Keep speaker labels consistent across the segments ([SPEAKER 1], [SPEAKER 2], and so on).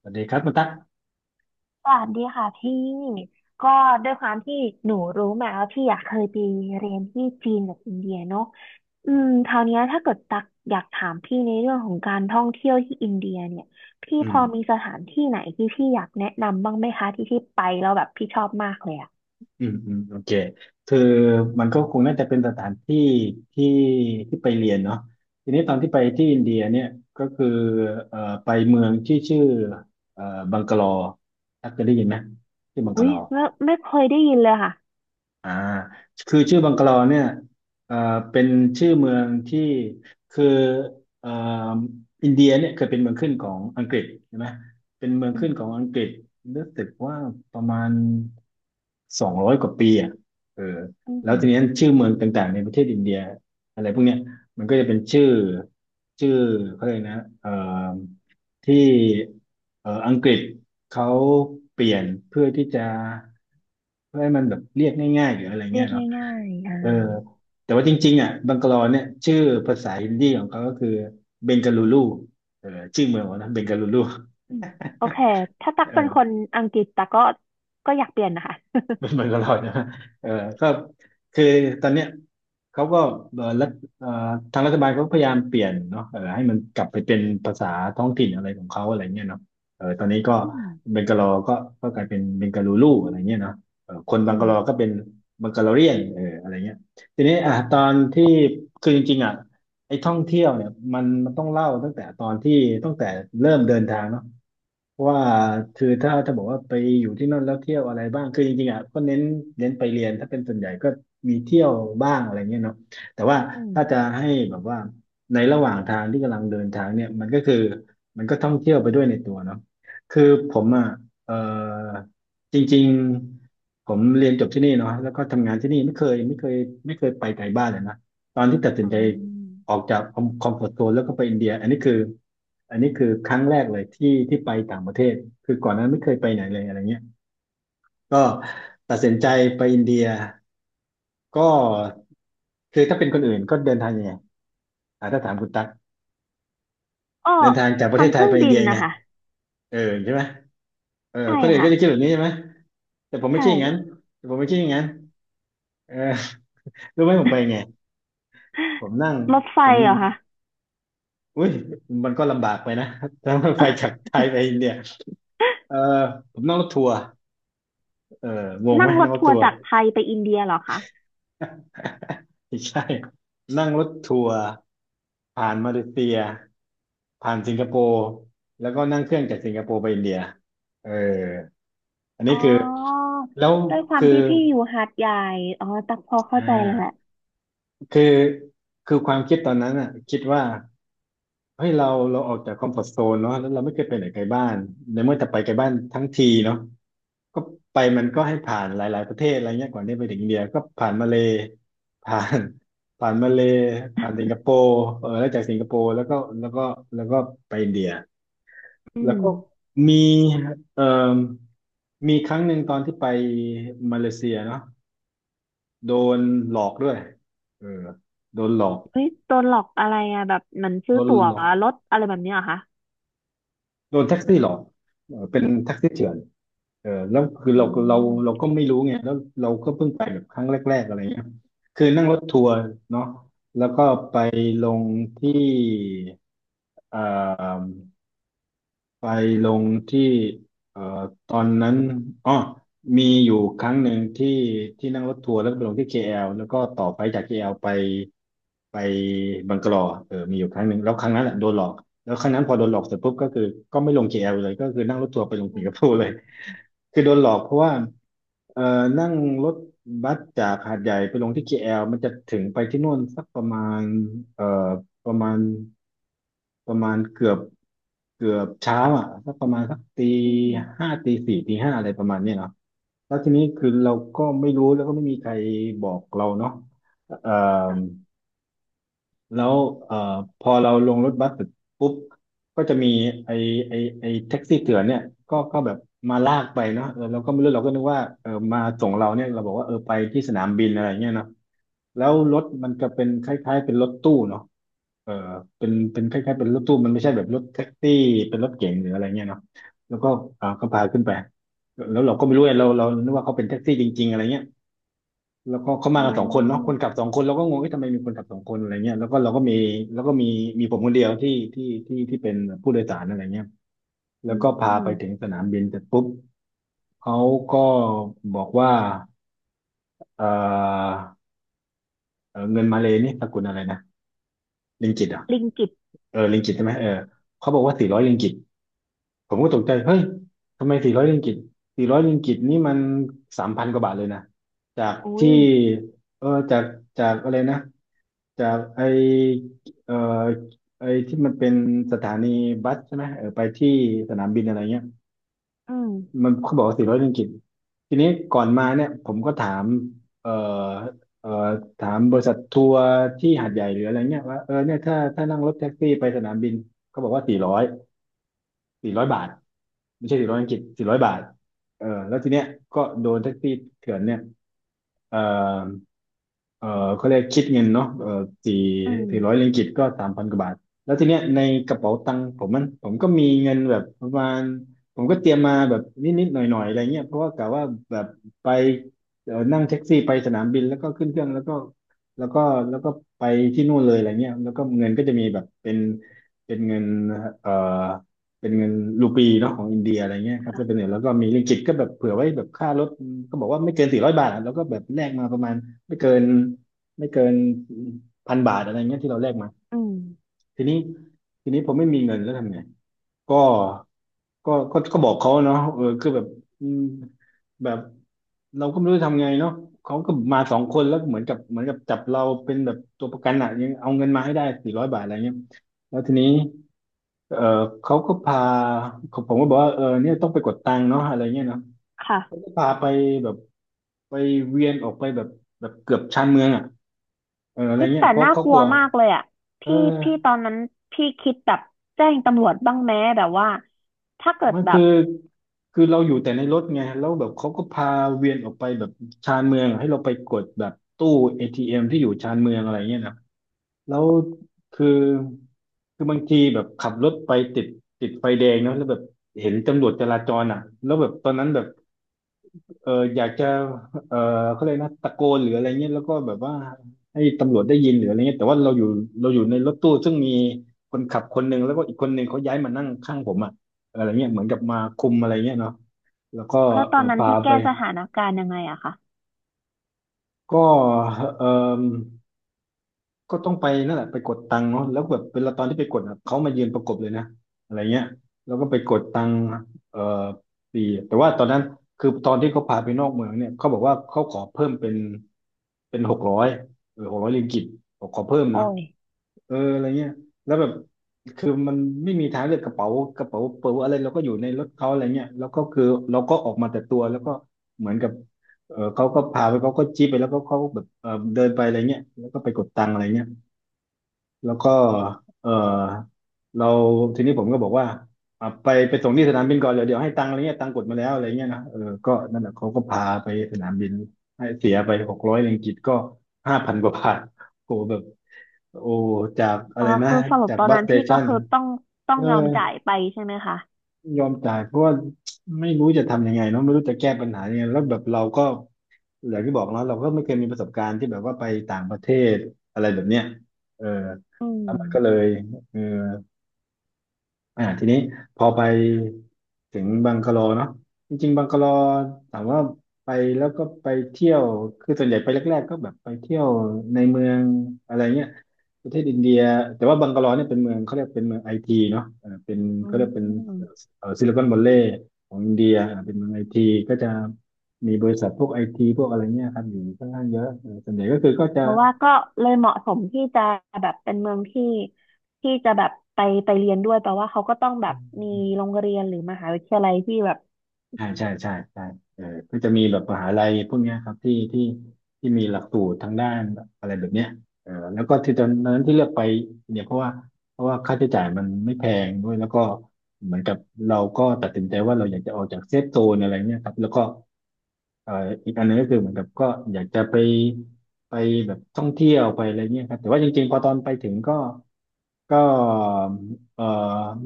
[SPEAKER 1] สวัสดีครับคุณตั๊ก
[SPEAKER 2] สวัสดีค่ะพี่ก็ด้วยความที่หนูรู้มาว่าพี่อยากเคยไปเรียนที่จีนกับอินเดียเนาะอืมคราวเนี้ยถ้าเกิดตักอยากถามพี่ในเรื่องของการท่องเที่ยวที่อินเดียเนี่ยพี่
[SPEAKER 1] อื
[SPEAKER 2] พ
[SPEAKER 1] ม
[SPEAKER 2] อมีสถานที่ไหนที่พี่อยากแนะนำบ้างไหมคะที่ที่ไปแล้วแบบพี่ชอบมากเลยอ่ะ
[SPEAKER 1] อืมโอเคคือมันก็คงน่าจะเป็นสถานที่ที่ที่ไปเรียนเนาะทีนี้ตอนที่ไปที่อินเดียเนี่ยก็คือไปเมืองที่ชื่อเอ่อบังกะลอตั๊กเคยได้ยินไหมชื่อบังกะ
[SPEAKER 2] อุ้
[SPEAKER 1] ล
[SPEAKER 2] ย
[SPEAKER 1] อ
[SPEAKER 2] ไม่เคยได้ยินเลยค่ะ
[SPEAKER 1] อ่าคือชื่อบังกะลอเนี่ยเอ่อเป็นชื่อเมืองที่คือเอ่ออินเดียเนี่ยเคยเป็นเมืองขึ้นของอังกฤษใช่ไหมเป็นเมือง
[SPEAKER 2] อื
[SPEAKER 1] ขึ้
[SPEAKER 2] ม
[SPEAKER 1] นของอังกฤษรู้สึกว่าประมาณ สองร้อยกว่าปีอ่ะเออ
[SPEAKER 2] อื
[SPEAKER 1] แล้ว
[SPEAKER 2] ม
[SPEAKER 1] ทีนี้ชื่อเมืองต่างๆในประเทศอินเดียอะไรพวกเนี้ยมันก็จะเป็นชื่อเขาเลยกนะเอ่อที่อังกฤษเขาเปลี่ยนเพื่อที่จะเพื่อให้มันแบบเรียกง่ายๆหรืออะไร
[SPEAKER 2] เรี
[SPEAKER 1] เงี้
[SPEAKER 2] ย
[SPEAKER 1] ย
[SPEAKER 2] ก
[SPEAKER 1] เนาะ
[SPEAKER 2] ง่ายๆอ่า
[SPEAKER 1] เออแต่ว่าจริงๆอ่ะบังกลอเนี่ยชื่อภาษาฮินดีของเขาก็คือเบงกาลูรูเออชื่อเมืองเขานะเบงกาลูรู
[SPEAKER 2] อืมโอเคถ้าตักเป็นคนอังกฤษตักก็อยากเปลี่ยนนะคะ
[SPEAKER 1] เป็นเหมือนกับเราใช่ไหมเออก็คือตอนเนี้ยเขาก็เออรัฐเอ่อทางรัฐบาลเขาก็พยายามเปลี่ยนเนาะเออให้มันกลับไปเป็นภาษาท้องถิ่นอะไรของเขาอะไรเงี้ยเนาะเออตอนนี้ก็
[SPEAKER 2] อืม
[SPEAKER 1] เบงกาลอก็ก็กลายเป็นเบงกาลูรูอะไรเงี้ยเนาะเออคน
[SPEAKER 2] อื
[SPEAKER 1] บัง
[SPEAKER 2] ม
[SPEAKER 1] กาลอก็เป็นบังกาลอเรียนเอออะไรเงี้ยทีนี้อ่ะตอนที่คือจริงๆอ่ะไอ้ท่องเที่ยวเนี่ยมันต้องเล่าตั้งแต่ตอนที่ตั้งแต่เริ่มเดินทางเนาะ ว่าคือถ้าบอกว่าไปอยู่ที่นั่นแล้วเที่ยวอะไรบ้างคือจริงๆอ่ะก็เน้นไปเรียนถ้าเป็นส่วนใหญ่ก็มีเที่ยวบ้างอะไรเงี้ยเนาะแต่ว่า
[SPEAKER 2] อืม
[SPEAKER 1] ถ้าจะให้แบบว่าในระหว่างทางที่กำลังเดินทางเนี่ยมันก็คือมันก็ท่องเที่ยวไปด้วยในตัวเนาะคือผมอ่ะเออจริงๆผมเรียนจบที่นี่เนาะแล้วก็ทำงานที่นี่ไม่เคยไปไกลบ้านเลยนะตอนที่ตัดสิน
[SPEAKER 2] อ๋อ
[SPEAKER 1] ใจ ออกจากคอมฟอร์ตโซนแล้วก็ไปอินเดียอันนี้คือครั้งแรกเลยที่ไปต่างประเทศคือก่อนหน้านั้นไม่เคยไปไหนเลยอะไรเงี้ยก็ตัดสินใจไปอินเดียก็คือถ้าเป็นคนอื่นก็เดินทางยังไงอ่าถ้าถามคุณตั๊ก
[SPEAKER 2] เออ
[SPEAKER 1] เดินทางจากประ
[SPEAKER 2] ทา
[SPEAKER 1] เท
[SPEAKER 2] ง
[SPEAKER 1] ศ
[SPEAKER 2] เค
[SPEAKER 1] ไทย
[SPEAKER 2] รื่อ
[SPEAKER 1] ไป
[SPEAKER 2] ง
[SPEAKER 1] อิ
[SPEAKER 2] บิ
[SPEAKER 1] นเดี
[SPEAKER 2] น
[SPEAKER 1] ยยัง
[SPEAKER 2] นะ
[SPEAKER 1] ไง
[SPEAKER 2] คะ
[SPEAKER 1] เออใช่ไหมเออ
[SPEAKER 2] ใช่
[SPEAKER 1] คนอื่น
[SPEAKER 2] ค่ะ
[SPEAKER 1] ก็จะคิดแบบนี้ใช่ไหมแต่ผมไม่
[SPEAKER 2] ใช่
[SPEAKER 1] ใช่อย่างนั้นแต่ผมไม่ใช่อย่างนั้นเออรู้ไหมผมไปไงผมนั่ง
[SPEAKER 2] รถไฟ
[SPEAKER 1] ผม
[SPEAKER 2] เหรอคะ
[SPEAKER 1] อุ้ยมันก็ลำบากไปนะ ถ้าไปจากไทยไปอินเดียเออผมนั่งรถทัวร์ เอองงไหม
[SPEAKER 2] นั่งร
[SPEAKER 1] นั่ง
[SPEAKER 2] ถ
[SPEAKER 1] รถ
[SPEAKER 2] ทัว
[SPEAKER 1] ทั
[SPEAKER 2] ร์
[SPEAKER 1] วร์
[SPEAKER 2] จากไทยไปอินเดียเหรอคะ
[SPEAKER 1] ไม่ใช่นั่งรถทัวร์ผ่านมาเลเซียผ่านสิงคโปร์แล้วก็นั่งเครื่องจากสิงคโปร์ไปอินเดียเอออันนี้
[SPEAKER 2] อ๋
[SPEAKER 1] คือ
[SPEAKER 2] อ
[SPEAKER 1] แล้ว
[SPEAKER 2] ด้วยความ
[SPEAKER 1] คือ
[SPEAKER 2] ที่พี่อยู่หาดใหญ่อ๋อตักพอ
[SPEAKER 1] อ่
[SPEAKER 2] เข้าใจแล้ว
[SPEAKER 1] าคือคือความคิดตอนนั้นอ่ะคิดว่าเฮ้ยเราเราออกจากคอมฟอร์ z โซนเนาะแล้วเราไม่เคยไปไหนไกลบ้านในเมื่อจะไปไกลบ้านทั้งทีเนาะ ก็ไปมันก็ให้ผ่านหลายๆประเทศอะไรเงี้ยก่อนที่ไปถึงอินเดียก็ผ่านมาเลย์ผ่าน ผ่านมาเลย์ผ่านสิงคโปร์เออแล้วจากสิงคโปร์แล้วก็แล้วก็ไปอินเดีย
[SPEAKER 2] อื
[SPEAKER 1] แล้ว
[SPEAKER 2] ม
[SPEAKER 1] ก็มีเอ่อมีครั้งหนึ่งตอนที่ไปมาเลเซียเนาะโดนหลอกด้วยเออโดนหลอก
[SPEAKER 2] เฮ้ยโดนหลอกอะไรอะแบบเหมือนซื้
[SPEAKER 1] โด
[SPEAKER 2] อ
[SPEAKER 1] น
[SPEAKER 2] ตั๋ว
[SPEAKER 1] หลอก
[SPEAKER 2] รถอะไรแบบเนี้ยเหรอคะ
[SPEAKER 1] โดนแท็กซี่หลอกเออเป็นแท็กซี่เถื่อน เออแล้วคือ
[SPEAKER 2] อื
[SPEAKER 1] เราเรา
[SPEAKER 2] ม
[SPEAKER 1] ก็ไม่รู้ไงแล้วเราก็เพิ่งไปแบบครั้งแรกๆอะไรเงี้ยคือนั่งรถทัวร์เนาะแล้วก็ไปลงที่เอ่อ ไปลงที่เอ่อตอนนั้นอ๋อมีอยู่ครั้งหนึ่งที่นั่งรถทัวร์แล้วก็ไปลงที่ KL แอลแล้วก็ต่อไปจาก KL ไปบังกะลอเออมีอยู่ครั้งหนึ่งแล้วครั้งนั้นแหละโดนหลอกแล้วครั้งนั้นพอโดนหลอกเสร็จปุ๊บก็คือก็ไม่ลง KL เลยก็คือนั่งรถทัวร์ไปลงสิงคโปร์เลย คือโดนหลอกเพราะว่าเอ่อนั่งรถบัสจากหาดใหญ่ไปลงที่ KL มันจะถึงไปที่นู่นสักประมาณเอ่อ ประมาณประมาณเกือบเช้าอ่ะสักประมาณสัก
[SPEAKER 2] อืม
[SPEAKER 1] ตีสี่ตีห้าอะไรประมาณเนี้ยเนาะแล้วทีนี้คือเราก็ไม่รู้แล้วก็ไม่มีใครบอกเราเนาะเอ่อ
[SPEAKER 2] อ่ะ
[SPEAKER 1] แล้วเอ่อพอเราลงรถบัสเสร็จปุ๊บก็จะมีไอ้ไอ้แท็กซี่เถื่อนเนี่ยก็แบบมาลากไปเนาะเออเราก็ไม่รู้เราก็นึกว่าเออมาส่งเราเนี่ยเราบอกว่าเออไปที่สนามบินอะไรเงี้ยเนาะแล้วรถมันก็เป็นคล้ายๆเป็นรถตู้เนาะเออเป็นคล้ายๆเป็นรถตู้มันไม่ใช่แบบรถแท็กซี่เป็นรถเก๋งหรืออะไรเงี้ยเนาะแล้วก็เออก็พาขึ้นไปแล้วเราก็ไม่รู้ไงเรานึกว่าเขาเป็นแท็กซี่จริงๆอะไรเงี้ย แล้วก็เขามา
[SPEAKER 2] อ๋
[SPEAKER 1] กันสองคนเนาะคน
[SPEAKER 2] อ
[SPEAKER 1] ขับสองคนเราก็งงว่าทำไมมีคนขับสองคนอะไรเงี้ยแล้วก็เราก็มีแล้วก็มีมีผมคนเดียวที่เป็นผู้โดยสารอะไรเงี้ยแล้
[SPEAKER 2] อื
[SPEAKER 1] วก็พาไปถึง
[SPEAKER 2] ม
[SPEAKER 1] สนามบินเสร็จปุ๊บเขาก็บอกว่าเออเงินมาเลย์นี่สกุลอะไรนะริงกิตอ่ะ
[SPEAKER 2] ลิงกิต
[SPEAKER 1] เออริงกิตใช่ไหมเออเขาบอกว่าสี่ร้อยริงกิต ผมก็ตกใจเฮ้ยทำไมสี่ร้อยริงกิตสี่ร้อยริงกิตนี่มันสามพันกว่าบาทเลยนะจาก
[SPEAKER 2] โอ้
[SPEAKER 1] ที่
[SPEAKER 2] ย
[SPEAKER 1] เออจากอะไรนะจากไอเออไอที่มันเป็นสถานีบัสใช่ไหมเออไปที่สนามบินอะไรเงี้ย
[SPEAKER 2] อืม
[SPEAKER 1] มันเขาบอกว่าสี่ร้อยริงกิตทีนี้ก่อนมาเนี่ยผมก็ถามเออเออถามบริษัททัวร์ที่หาดใหญ่หรืออะไรเงี้ยว่าเออเนี่ยถ้านั่งรถแท็กซี่ไปสนามบินเขาบอกว่าสี่ร้อยบาท ไม่ใช่สี่ร้อยอังกฤษ400 บาทเออแล้วทีเนี้ยก็โดนแท็กซี่เถื่อนเนี่ยเออเออเขาเรียกคิดเงินเนาะเออสี่
[SPEAKER 2] อืม
[SPEAKER 1] สี่ร้อยริงกิตก็สามพันกว่าบาทแล้วทีเนี้ยในกระเป๋าตังค์ผมมันผมก็มีเงินแบบประมาณผมก็เตรียมมาแบบนิดๆหน่อยๆอะไรเงี้ยเพราะว่ากะว่าแบบไปเออนั่งแท็กซี่ไปสนามบินแล้วก็ขึ้นเครื่องแล้วก็แล้วก็ไปที่นู่นเลยอะไรเงี้ยแล้วก็เงินก็จะมีแบบเป็นเงินเอ่อ เป็นเงินรูปีเนาะของอินเดียอะไรเงี้ยครับจะเป็นเหรียญแล้วก็มีริงกิตก็แบบเผื่อไว้แบบค่ารถก็บอกว่าไม่เกินสี่ร้อยบาทอะแล้วก็แบบแลกมาประมาณไม่เกินไม่เกิน1,000 บาทอะไรเงี้ยที่เราแลกมา
[SPEAKER 2] อืม
[SPEAKER 1] ทีนี้ทีนี้ผมไม่มีเงินแล้วทำไงก็ก็บอกเขาเนาะเออคือแบบอืมแบบเราก็ไม่รู้จะทำไงเนาะเขาก็มาสองคนแล้วเหมือนกับจับเราเป็นแบบตัวประกันอะยังเอาเงินมาให้ได้สี่ร้อยบาทอะไรเงี้ย แล้วทีนี้เออเขาก็พาผมก็บอกว่าเออเนี่ยต้องไปกดตังค์เนาะอะไรเงี้ยเนาะ
[SPEAKER 2] ค่ะ
[SPEAKER 1] เขาก็พาไปแบบไปเวียนออกไปแบบเกือบชานเมืองอ่ะเอออะไร
[SPEAKER 2] เฮ้ย
[SPEAKER 1] เงี้ย
[SPEAKER 2] แต่
[SPEAKER 1] เพราะ
[SPEAKER 2] น่า
[SPEAKER 1] เขา
[SPEAKER 2] ก
[SPEAKER 1] ก
[SPEAKER 2] ลัว
[SPEAKER 1] ลัว
[SPEAKER 2] มากเลยอ่ะ
[SPEAKER 1] เ
[SPEAKER 2] พี่ต
[SPEAKER 1] ออ
[SPEAKER 2] อนนั้นพี่คิดแบบแจ้งตำรวจบ้างไหมแบบว่าถ้าเกิด
[SPEAKER 1] มัน
[SPEAKER 2] แบบ
[SPEAKER 1] คือเราอยู่แต่ในรถไงแล้วแบบเขาก็พาเวียนออกไปแบบชานเมืองอะให้เราไปกดแบบตู้ATM ที่อยู่ชานเมืองอะไรเงี้ยนะแล้วคือบางทีแบบขับรถไปติดไฟแดงเนาะแล้วแบบเห็นตำรวจจราจรอ่ะแล้วแบบตอนนั้นแบบ เอออยากจะเออเขาเรียกนะตะโกนหรืออะไรเงี้ยแล้วก็แบบว่าให้ตำรวจได้ยินหรืออะไรเงี้ยแต่ว่าเราอยู่ในรถตู้ซึ่งมีคนขับคนหนึ่งแล้วก็อีกคนหนึ่งเขาย้ายมานั่งข้างผมอะอะไรเงี้ยเหมือนกับมาคุมอะไรเงี้ยเนาะแล้วก็
[SPEAKER 2] แล้วต
[SPEAKER 1] เอ
[SPEAKER 2] อ
[SPEAKER 1] อ
[SPEAKER 2] นนั้น
[SPEAKER 1] พา
[SPEAKER 2] พี่
[SPEAKER 1] ไป
[SPEAKER 2] แก้สถานการณ์ยังไงอะคะ
[SPEAKER 1] ก็เออก็ต้องไปนั่นแหละไปกดตังค์เนาะแล้วแบบเวลาตอนที่ไปกดอะเขามายืนประกบเลยนะอะไรเงี้ยแล้วก็ไปกดตังค์เออปีแต่ว่าตอนนั้นคือตอนที่เขาพาไปนอกเมืองเนี่ยเขาบอกว่าเขาขอเพิ่มเป็นหกร้อยเออ600 ริงกิตบอกขอเพิ่มเนาะ
[SPEAKER 2] โอ้ย
[SPEAKER 1] เอออะไรเงี้ยแล้วแบบคือมันไม่มีทางเลือกกระเป๋าเป๋าอะไรเราก็อยู่ในรถเขาอะไรเงี้ยแล้วก็คือเราก็ออกมาแต่ตัวแล้วก็เหมือนกับเออเขาก็พาไปเขาก็จี้ไปแล้วก็เขาแบบเออเดินไปอะไรเงี้ยแล้วก็ไปกดตังค์อะไรเงี้ย แล้วก็เออเราทีนี้ผมก็บอกว่าอ่ะไปส่งที่สนามบินก่อน เดี๋ยวเดี๋ยวให้ตังค์อะไรเงี้ยตังค์กดมาแล้วอะไรเงี้ยนะเออก็นั่นแหละเขาก็พาไปสนามบินให้เสียไป600 ริงกิตก็5,000 กว่าบาทโหแบบโอ้จากอะ
[SPEAKER 2] อ๋อ
[SPEAKER 1] ไรนะ
[SPEAKER 2] คือสรุป
[SPEAKER 1] จาก
[SPEAKER 2] ตอน
[SPEAKER 1] บัส
[SPEAKER 2] นั้
[SPEAKER 1] ส
[SPEAKER 2] น
[SPEAKER 1] เต
[SPEAKER 2] พี่ก็
[SPEAKER 1] ชัน
[SPEAKER 2] คือต้อง
[SPEAKER 1] เออ
[SPEAKER 2] ยอมจ่ายไปใช่ไหมคะ
[SPEAKER 1] ยอมจ่ายเพราะว่าไม่รู้จะทำยังไงเนาะไม่รู้จะแก้ปัญหายังไงแล้วแบบเราก็อย่างที่บอกเนาะเราก็ไม่เคยมีประสบการณ์ที่แบบว่าไปต่างประเทศอะไรแบบเนี้ยเออ
[SPEAKER 2] อื
[SPEAKER 1] แล้วมันก็เล
[SPEAKER 2] ม
[SPEAKER 1] ยเออ ทีนี้พอไปถึงบังกะโลเนาะจริงๆบังกะโลถามว่าไปแล้วก็ไปเที่ยวคือส่วนใหญ่ไปแรกๆก็แบบไปเที่ยวในเมืองอะไรเงี้ยประเทศอินเดียแต่ว่าบังกะโลเนี่ยเป็นเมืองเขาเรียกเป็นเมืองไอทีเนาะเออเป็น
[SPEAKER 2] อื
[SPEAKER 1] เขาเรียกเป็น
[SPEAKER 2] ม
[SPEAKER 1] เออซิลิคอนวัลเลย์ของอินเดียเป็นเมืองไอทีก็จะมีบริษัทพวกไอทีพวกอะไรเงี้ยครับอยู่ค่อนข้างเยอะเออส่วนใหญ่ก็คือก็จะ
[SPEAKER 2] แต่ว่าก็เลยเหมาะสมที่จะแบบเป็นเมืองที่จะแบบไปเรียนด้วยแปลว่าเขาก็ต้องแบบมีโรงเรียนหรือมหาวิทยาลัยที่แบบ
[SPEAKER 1] ใช่ใช่ใช่ใช่เออก็จะมีแบบมหาลัยพวกเนี้ยครับที่มีหลักสูตรทางด้านอะไรแบบเนี้ยเออแล้วก็ที่ตอนนั้นที่เลือกไปเนี่ยเพราะว่าค่าใช้จ่ายมันไม่แพงด้วยแล้วก็เหมือนกับเราก็ตัดสินใจว่าเราอยากจะออกจากเซฟโซนอะไรเนี่ยครับแล้วก็เอ่ออีกอันหนึงก็คือเหมือนกับก็อยากจะไปไปแบบท่องเที่ยวไปอะไรเนี้ยครับแต่ว่าจริงๆพอตอนไปถึงก็ก็เอ่อ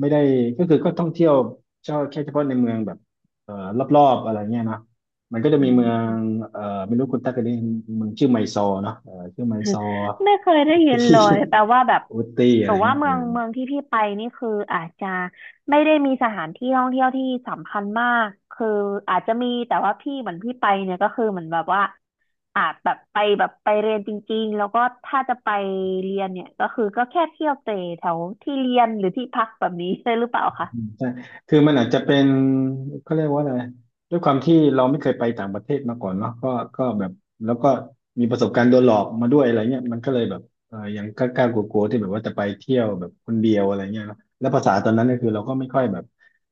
[SPEAKER 1] ไม่ได้ก็คือก็ท่องเที่ยวเฉพาะแค่เฉพาะในเมืองแบบ เอ่อรอบๆอะไรเงี้ยนะมันก็จะ
[SPEAKER 2] อื
[SPEAKER 1] มีเมือง
[SPEAKER 2] ม
[SPEAKER 1] เอ่อไม่รู้คุณตั๊กเคยได้ยินเมืองชื่อไมซอร์เนาะชื่อไมซอ ร์
[SPEAKER 2] ไม่เคยได้ยินเลยแปลว่าแบบ
[SPEAKER 1] อุตตี้อะ
[SPEAKER 2] แต่
[SPEAKER 1] ไร
[SPEAKER 2] ว่า
[SPEAKER 1] เงี้ย
[SPEAKER 2] เมืองที่พี่ไปนี่คืออาจจะไม่ได้มีสถานที่ท่องเที่ยวที่สำคัญมากคืออาจจะมีแต่ว่าพี่เหมือนพี่ไปเนี่ยก็คือเหมือนแบบว่าอาจแบบไปแบบไปเรียนจริงๆแล้วก็ถ้าจะไปเรียนเนี่ยก็คือก็แค่เที่ยวเตะแถวที่เรียนหรือที่พักแบบนี้ใช่หรือเปล่าคะ
[SPEAKER 1] อืมใช่คือมันอาจจะเป็นเขาเรียกว่าอะไรด้วยความที่เราไม่เคยไปต่างประเทศมาก่อนเนาะก็ก็แบบแล้วก็มีประสบการณ์โดนหลอกมาด้วยอะไรเงี้ยมันก็เลยแบบเออยังกล้ากลัวๆที่แบบว่าจะไปเที่ยวแบบคนเดียวอะไรเงี้ยเนอะแล้วภาษาตอนนั้นก็คือเราก็ไม่ค่อยแบบ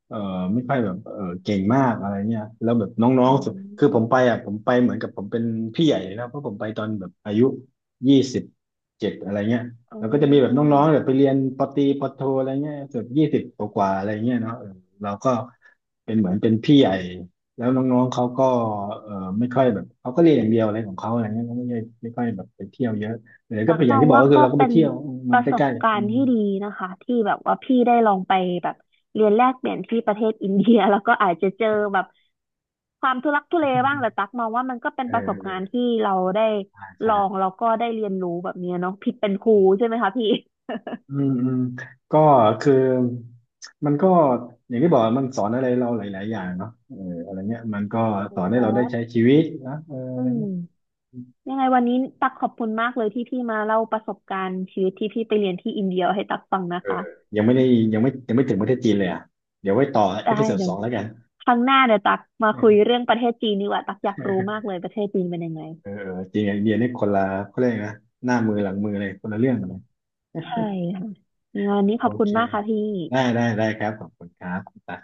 [SPEAKER 1] เออไม่ค่อยแบบเออเก่งมากอะไรเงี้ยแล้วแบบน้อ
[SPEAKER 2] อื
[SPEAKER 1] งๆคือผมไป
[SPEAKER 2] ม
[SPEAKER 1] ผมไปเหมือนกับผมเป็นพี่ใหญ่แล้วเพราะผมไปตอนแบบอายุ27อะไรเงี้ย
[SPEAKER 2] อื
[SPEAKER 1] แล้วก็จะมีแบบน้องๆแบบ
[SPEAKER 2] ม
[SPEAKER 1] ไปเรียนปตรีปโทอะไรเงี้ยแบบ20 กว่าๆอะไรเงี้ยเนาะเออเราก็เป็นเหมือนเป็นพี่ใหญ่แล้วน้องๆเขาก็เออไม่ค่อยแบบเขาก็เรียนอย่างเดียวอะไรของเขาอะไรเงี้ยเขาไม่ได้ไม่ค่อยแบบไปเที่ยวเยอะหรือก็
[SPEAKER 2] ตัก
[SPEAKER 1] เป็นอ
[SPEAKER 2] ม
[SPEAKER 1] ย่าง
[SPEAKER 2] อง
[SPEAKER 1] ที่บอก
[SPEAKER 2] ว่า
[SPEAKER 1] ก็คือ
[SPEAKER 2] ก็
[SPEAKER 1] เราก็ไป
[SPEAKER 2] เป็น
[SPEAKER 1] เที่ยวอืมมั
[SPEAKER 2] ป
[SPEAKER 1] น
[SPEAKER 2] ระ
[SPEAKER 1] ใก
[SPEAKER 2] สบ
[SPEAKER 1] ล้ๆ
[SPEAKER 2] กา
[SPEAKER 1] อื
[SPEAKER 2] รณ์
[SPEAKER 1] ม
[SPEAKER 2] ที่ดีนะคะที่แบบว่าพี่ได้ลองไปแบบเรียนแลกเปลี่ยนที่ประเทศอินเดีย แล้วก็อาจจะเจอแบบความทุลักทุเลบ้างแต่ตักมองว่ามันก็เป็น
[SPEAKER 1] เอ
[SPEAKER 2] ป
[SPEAKER 1] อ
[SPEAKER 2] ระสบ
[SPEAKER 1] เอ
[SPEAKER 2] กา
[SPEAKER 1] อ
[SPEAKER 2] รณ์ที่เราได้
[SPEAKER 1] ใช่
[SPEAKER 2] ล
[SPEAKER 1] ใช่
[SPEAKER 2] องแล้วก็ได้เรียนรู้แบบเนี้ยเนาะผิดเป็นครูใช่ไหมคะพี่
[SPEAKER 1] อืมอืมอืมก็คือมันก็อย่างที่บอกมันสอนอะไรเราหลายๆอย่างเนาะเอออะไรเงี้ยมันก็
[SPEAKER 2] อื
[SPEAKER 1] สอ
[SPEAKER 2] ม
[SPEAKER 1] นให้
[SPEAKER 2] แต่
[SPEAKER 1] เราได้
[SPEAKER 2] ว่า
[SPEAKER 1] ใช้ชีวิตนะเอออะ
[SPEAKER 2] อื
[SPEAKER 1] ไร
[SPEAKER 2] ม
[SPEAKER 1] เงี้ย
[SPEAKER 2] ยังไงวันนี้ตักขอบคุณมากเลยที่พี่มาเล่าประสบการณ์ชีวิตที่พี่ไปเรียนที่อินเดียให้ตักฟังนะ
[SPEAKER 1] เออ
[SPEAKER 2] คะ
[SPEAKER 1] ยังไม่ได้ยังไม่ถึงประเทศจีนเลยอ่ะเดี๋ยวไว้ต่อเอ
[SPEAKER 2] ได้
[SPEAKER 1] พิโซด
[SPEAKER 2] เดี๋
[SPEAKER 1] ส
[SPEAKER 2] ยว
[SPEAKER 1] องแล้วกัน
[SPEAKER 2] ครั้งหน้าเดี๋ยวตักมาคุย
[SPEAKER 1] เออ
[SPEAKER 2] เรื่องประเทศจีนดีกว่าตักอยากรู้มากเลยประเทศจีนเป็นยังไง
[SPEAKER 1] เออจริงไอเดียนี่คนละเขาเรียกนะหน้ามือหลังมือเลยคนละเรื่องกันเลย
[SPEAKER 2] ใช่ค่ะยังไงวันนี้
[SPEAKER 1] โอ
[SPEAKER 2] ขอบคุณ
[SPEAKER 1] เค
[SPEAKER 2] มากค่ะพี่
[SPEAKER 1] ได้ได้ได้ครับขอบคุณครับ